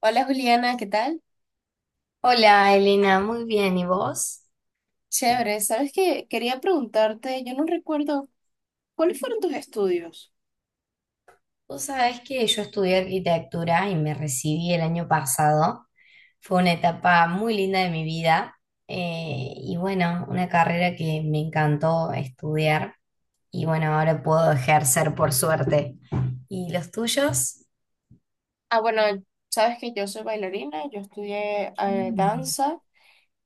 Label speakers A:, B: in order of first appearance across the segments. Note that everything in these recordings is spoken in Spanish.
A: Hola, Juliana, ¿qué tal?
B: Hola Elena, muy bien. ¿Y vos?
A: Chévere. ¿Sabes qué? Quería preguntarte, yo no recuerdo, ¿cuáles fueron tus estudios?
B: Vos sabés que yo estudié arquitectura y me recibí el año pasado. Fue una etapa muy linda de mi vida, y bueno, una carrera que me encantó estudiar y bueno, ahora puedo ejercer por suerte. ¿Y los tuyos?
A: Ah, bueno, sabes que yo soy bailarina, yo estudié
B: Mm.
A: danza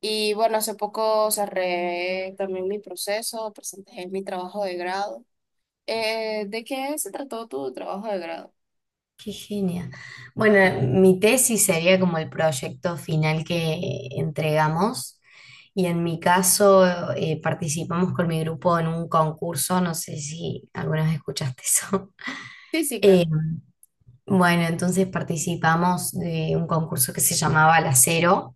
A: y bueno, hace poco cerré también mi proceso, presenté mi trabajo de grado. ¿De qué se trató tu trabajo de grado?
B: Qué genia. Bueno, mi tesis sería como el proyecto final que entregamos, y en mi caso participamos con mi grupo en un concurso. No sé si alguna vez escuchaste eso.
A: Sí, sí, claro.
B: Eh, bueno, entonces participamos de un concurso que se llamaba La Cero,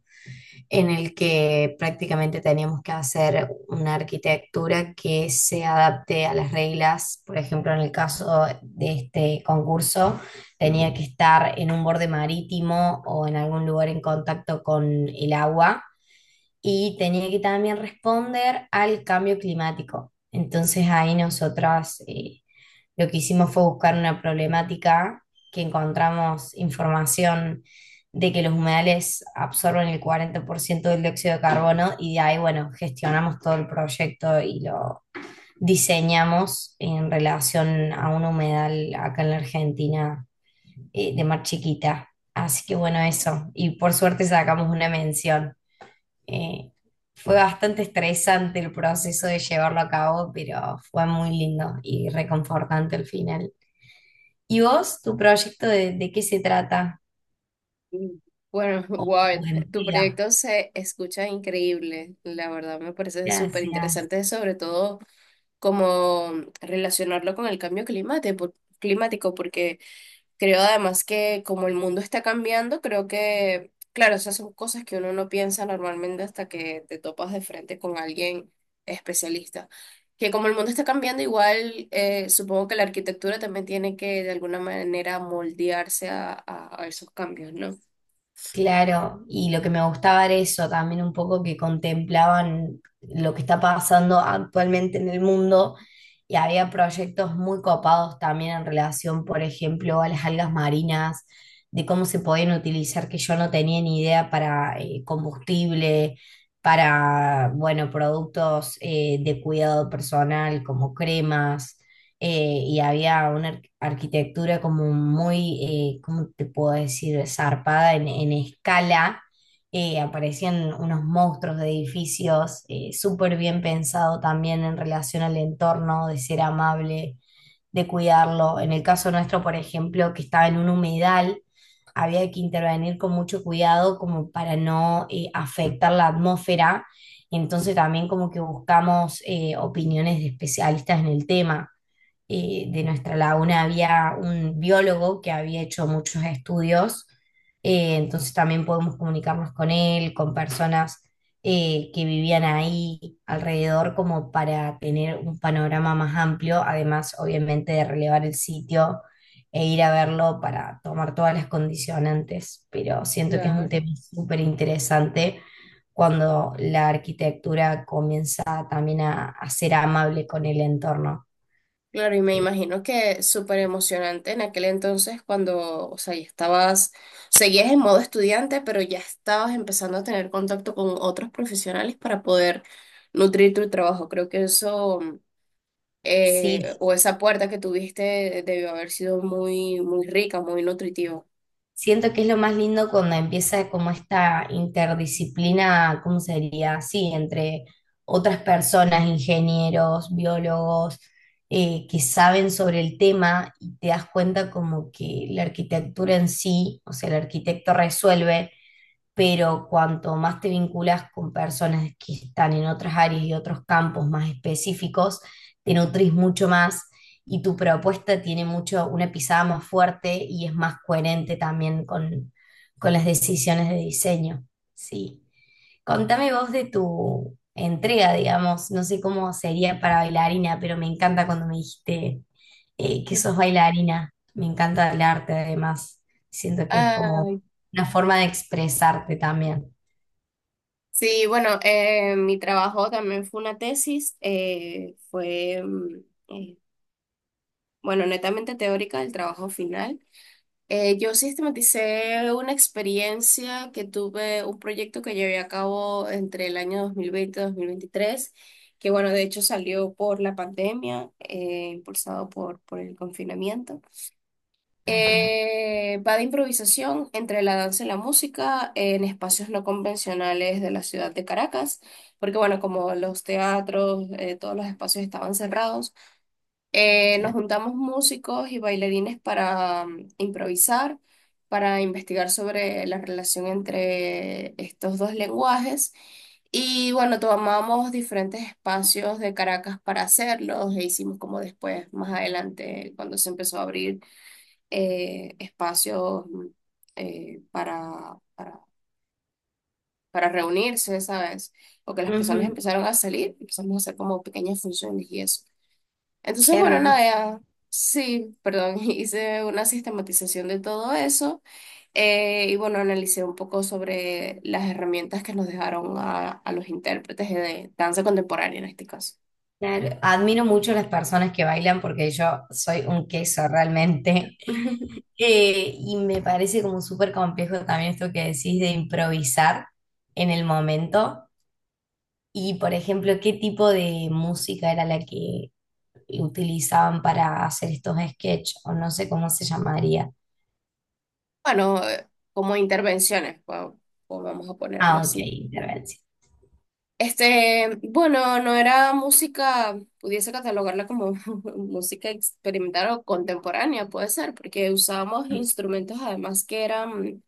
B: en el que prácticamente teníamos que hacer una arquitectura que se adapte a las reglas. Por ejemplo, en el caso de este concurso, tenía que estar en un borde marítimo o en algún lugar en contacto con el agua, y tenía que también responder al cambio climático. Entonces ahí nosotras, lo que hicimos fue buscar una problemática, que encontramos información de que los humedales absorben el 40% del dióxido de carbono. Y de ahí, bueno, gestionamos todo el proyecto y lo diseñamos en relación a un humedal acá en la Argentina, de Mar Chiquita. Así que bueno, eso. Y por suerte sacamos una mención. Eh, Fue bastante estresante el proceso de llevarlo a cabo, pero fue muy lindo y reconfortante al final. ¿Y vos, tu proyecto, de qué se trata?
A: Mm, Bueno,
B: Oh,
A: wow,
B: buen
A: tu
B: día.
A: proyecto se escucha increíble, la verdad me parece súper
B: Gracias.
A: interesante, sobre todo como relacionarlo con el cambio climático, climático, porque creo además que como el mundo está cambiando, creo que, claro, esas son cosas que uno no piensa normalmente hasta que te topas de frente con alguien especialista. Que como el mundo está cambiando, igual supongo que la arquitectura también tiene que de alguna manera moldearse a esos cambios, ¿no?
B: Claro, y lo que me gustaba era eso, también un poco que contemplaban lo que está pasando actualmente en el mundo. Y había proyectos muy copados también en relación, por ejemplo, a las algas marinas, de cómo se podían utilizar, que yo no tenía ni idea, para combustible, para, bueno, productos de cuidado personal como cremas. Y había una arquitectura como muy, ¿cómo te puedo decir?, zarpada en escala. Aparecían unos monstruos de edificios, súper bien pensado también en relación al entorno, de ser amable, de cuidarlo. En el caso nuestro, por ejemplo, que estaba en un humedal, había que intervenir con mucho cuidado como para no afectar la atmósfera. Entonces también como que buscamos opiniones de especialistas en el tema. De nuestra laguna había un biólogo que había hecho muchos estudios, entonces también podemos comunicarnos con él, con personas que vivían ahí alrededor, como para tener un panorama más amplio, además obviamente de relevar el sitio e ir a verlo para tomar todas las condicionantes. Pero siento que es un
A: Claro.
B: tema súper interesante cuando la arquitectura comienza también a ser amable con el entorno.
A: Claro, y me
B: ¿Sí?
A: imagino que súper emocionante en aquel entonces cuando, o sea, ya estabas, seguías en modo estudiante, pero ya estabas empezando a tener contacto con otros profesionales para poder nutrir tu trabajo. Creo que eso,
B: Sí,
A: o esa puerta que tuviste debió haber sido muy, muy rica, muy nutritiva.
B: siento que es lo más lindo cuando empieza como esta interdisciplina. ¿Cómo sería? Sí, entre otras personas, ingenieros, biólogos, que saben sobre el tema, y te das cuenta como que la arquitectura en sí, o sea, el arquitecto resuelve, pero cuanto más te vinculas con personas que están en otras áreas y otros campos más específicos, te nutrís mucho más y tu propuesta tiene mucho, una pisada más fuerte y es más coherente también con las decisiones de diseño. Sí. Contame vos de tu entrega, digamos. No sé cómo sería para bailarina, pero me encanta cuando me dijiste que sos bailarina. Me encanta el arte además, siento que es como
A: Ay,
B: una forma de expresarte también.
A: sí, bueno, mi trabajo también fue una tesis, bueno, netamente teórica, el trabajo final. Yo sistematicé una experiencia que tuve, un proyecto que llevé a cabo entre el año 2020 y 2023, que bueno, de hecho salió por la pandemia, impulsado por el confinamiento.
B: Ajá,
A: Va de improvisación entre la danza y la música en espacios no convencionales de la ciudad de Caracas, porque bueno, como los teatros, todos los espacios estaban cerrados. Nos
B: claro.
A: juntamos músicos y bailarines para improvisar, para investigar sobre la relación entre estos dos lenguajes. Y bueno, tomamos diferentes espacios de Caracas para hacerlos e hicimos como después, más adelante, cuando se empezó a abrir espacios eh, para, para, para reunirse, ¿sabes? O que las personas
B: Ujú.
A: empezaron a salir, empezamos a hacer como pequeñas funciones y eso.
B: Qué
A: Entonces, bueno, nada,
B: hermoso.
A: sí, perdón, hice una sistematización de todo eso y bueno, analicé un poco sobre las herramientas que nos dejaron a los intérpretes de danza contemporánea en este caso.
B: Claro. Admiro mucho las personas que bailan porque yo soy un queso realmente. Y me parece como súper complejo también esto que decís, de improvisar en el momento. Y, por ejemplo, ¿qué tipo de música era la que utilizaban para hacer estos sketches? O no sé cómo se llamaría.
A: Bueno, como intervenciones, o vamos a ponerlo
B: Ah, ok,
A: así.
B: intervención.
A: Este, bueno, no era música, pudiese catalogarla como música experimental o contemporánea, puede ser, porque usábamos instrumentos además que eran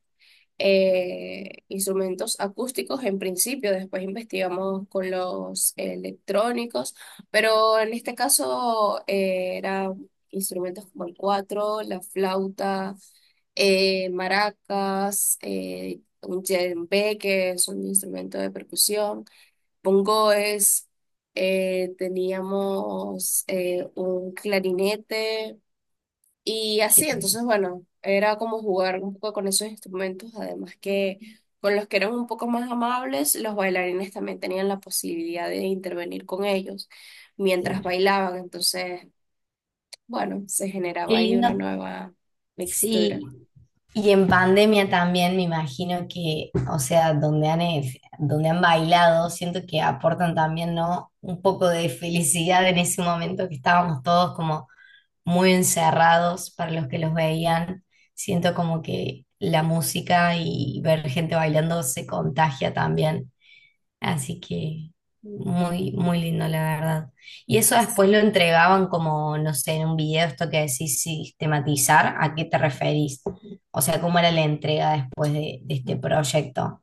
A: instrumentos acústicos en principio, después investigamos con los electrónicos, pero en este caso eran instrumentos como el cuatro, la flauta, maracas, un djembe, que es un instrumento de percusión, bongoes, teníamos un clarinete. Y así,
B: Qué,
A: entonces, bueno, era como jugar un poco con esos instrumentos, además que con los que eran un poco más amables, los bailarines también tenían la posibilidad de intervenir con ellos mientras
B: claro.
A: bailaban, entonces, bueno, se
B: Qué
A: generaba ahí una
B: lindo.
A: nueva mixtura.
B: Sí, y en pandemia también me imagino que, o sea, donde han bailado, siento que aportan también, ¿no? Un poco de felicidad en ese momento que estábamos todos como muy encerrados, para los que los veían. Siento como que la música y ver gente bailando se contagia también. Así que muy, muy lindo, la verdad. Y eso después lo entregaban como, no sé, en un video, esto que decís sistematizar, ¿a qué te referís? O sea, ¿cómo era la entrega después de este proyecto?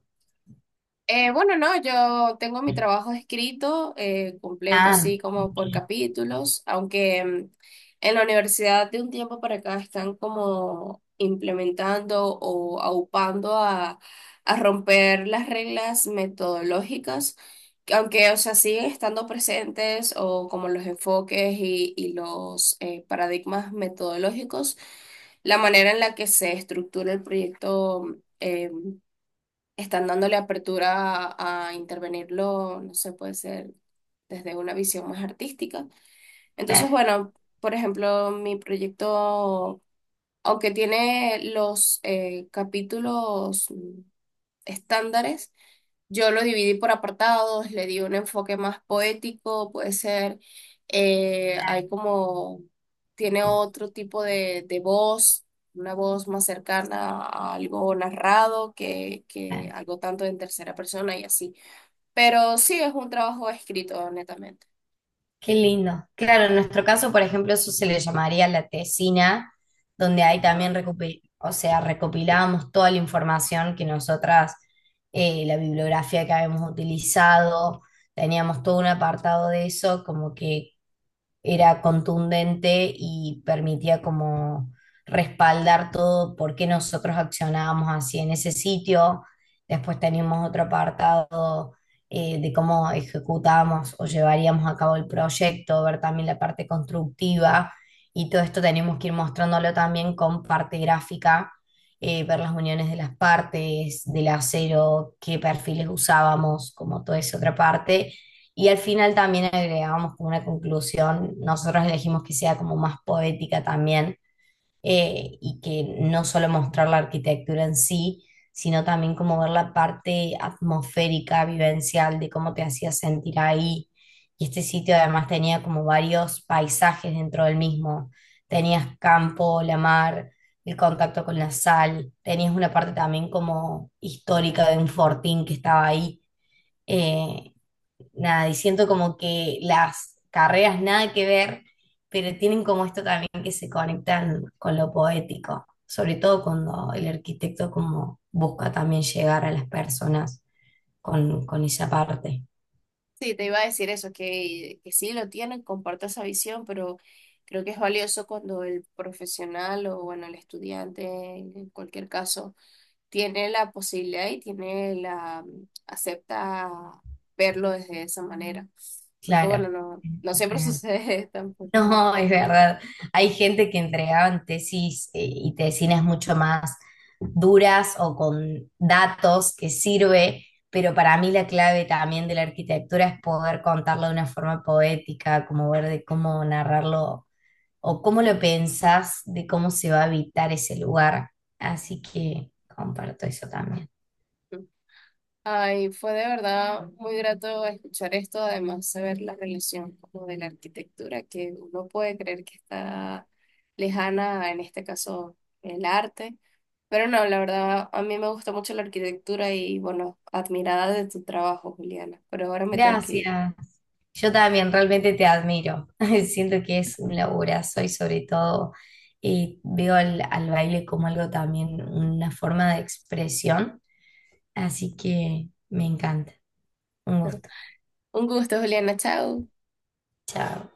A: Bueno, no, yo tengo mi trabajo escrito, completo,
B: Ah,
A: así como por capítulos, aunque en la universidad de un tiempo para acá están como implementando o aupando a romper las reglas metodológicas, que aunque, o sea, siguen estando presentes o como los enfoques y los paradigmas metodológicos, la manera en la que se estructura el proyecto. Están dándole apertura a intervenirlo, no sé, puede ser desde una visión más artística. Entonces,
B: claro,
A: bueno, por ejemplo, mi proyecto, aunque tiene los capítulos estándares, yo lo dividí por apartados, le di un enfoque más poético, puede ser, hay como, tiene otro tipo de voz, una voz más cercana a algo narrado que
B: claro.
A: algo tanto en tercera persona y así. Pero sí es un trabajo escrito, netamente.
B: Qué lindo. Claro, en nuestro caso, por ejemplo, eso se le llamaría la tesina, donde ahí también
A: Ajá.
B: o sea, recopilábamos toda la información que nosotras, la bibliografía que habíamos utilizado. Teníamos todo un apartado de eso, como que era contundente y permitía como respaldar todo por qué nosotros accionábamos así en ese sitio. Después teníamos otro apartado, de cómo ejecutábamos o llevaríamos a cabo el proyecto, ver también la parte constructiva, y todo esto teníamos que ir mostrándolo también con parte gráfica, ver las uniones de las partes, del acero, qué perfiles usábamos, como toda esa otra parte. Y al final también agregamos como una conclusión, nosotros elegimos que sea como más poética también, y que no solo mostrar la arquitectura en sí, sino también como ver la parte atmosférica, vivencial, de cómo te hacía sentir ahí. Y este sitio además tenía como varios paisajes dentro del mismo. Tenías campo, la mar, el contacto con la sal, tenías una parte también como histórica de un fortín que estaba ahí. Eh, Nada, y siento como que las carreras nada que ver, pero tienen como esto también que se conectan con lo poético, sobre todo cuando el arquitecto como busca también llegar a las personas con esa parte.
A: Sí, te iba a decir eso, que sí lo tienen, comparto esa visión, pero creo que es valioso cuando el profesional o, bueno, el estudiante, en cualquier caso tiene la posibilidad y tiene la, acepta verlo desde esa manera. Porque bueno,
B: Claro,
A: no,
B: es
A: no siempre
B: real.
A: sucede tampoco.
B: No, es verdad. Hay gente que entregaban tesis, y tesinas mucho más duras o con datos que sirve, pero para mí la clave también de la arquitectura es poder contarlo de una forma poética, como ver de cómo narrarlo o cómo lo pensás, de cómo se va a habitar ese lugar. Así que comparto eso también.
A: Ay, fue de verdad muy grato escuchar esto, además saber la relación como de la arquitectura, que uno puede creer que está lejana, en este caso el arte, pero no, la verdad a mí me gusta mucho la arquitectura y bueno, admirada de tu trabajo, Juliana, pero ahora me tengo que ir.
B: Gracias. Yo también realmente te admiro. Siento que es un laburazo, y sobre todo, veo al, al baile como algo también, una forma de expresión. Así que me encanta. Un gusto.
A: Un gusto, Juliana, chao.
B: Chao.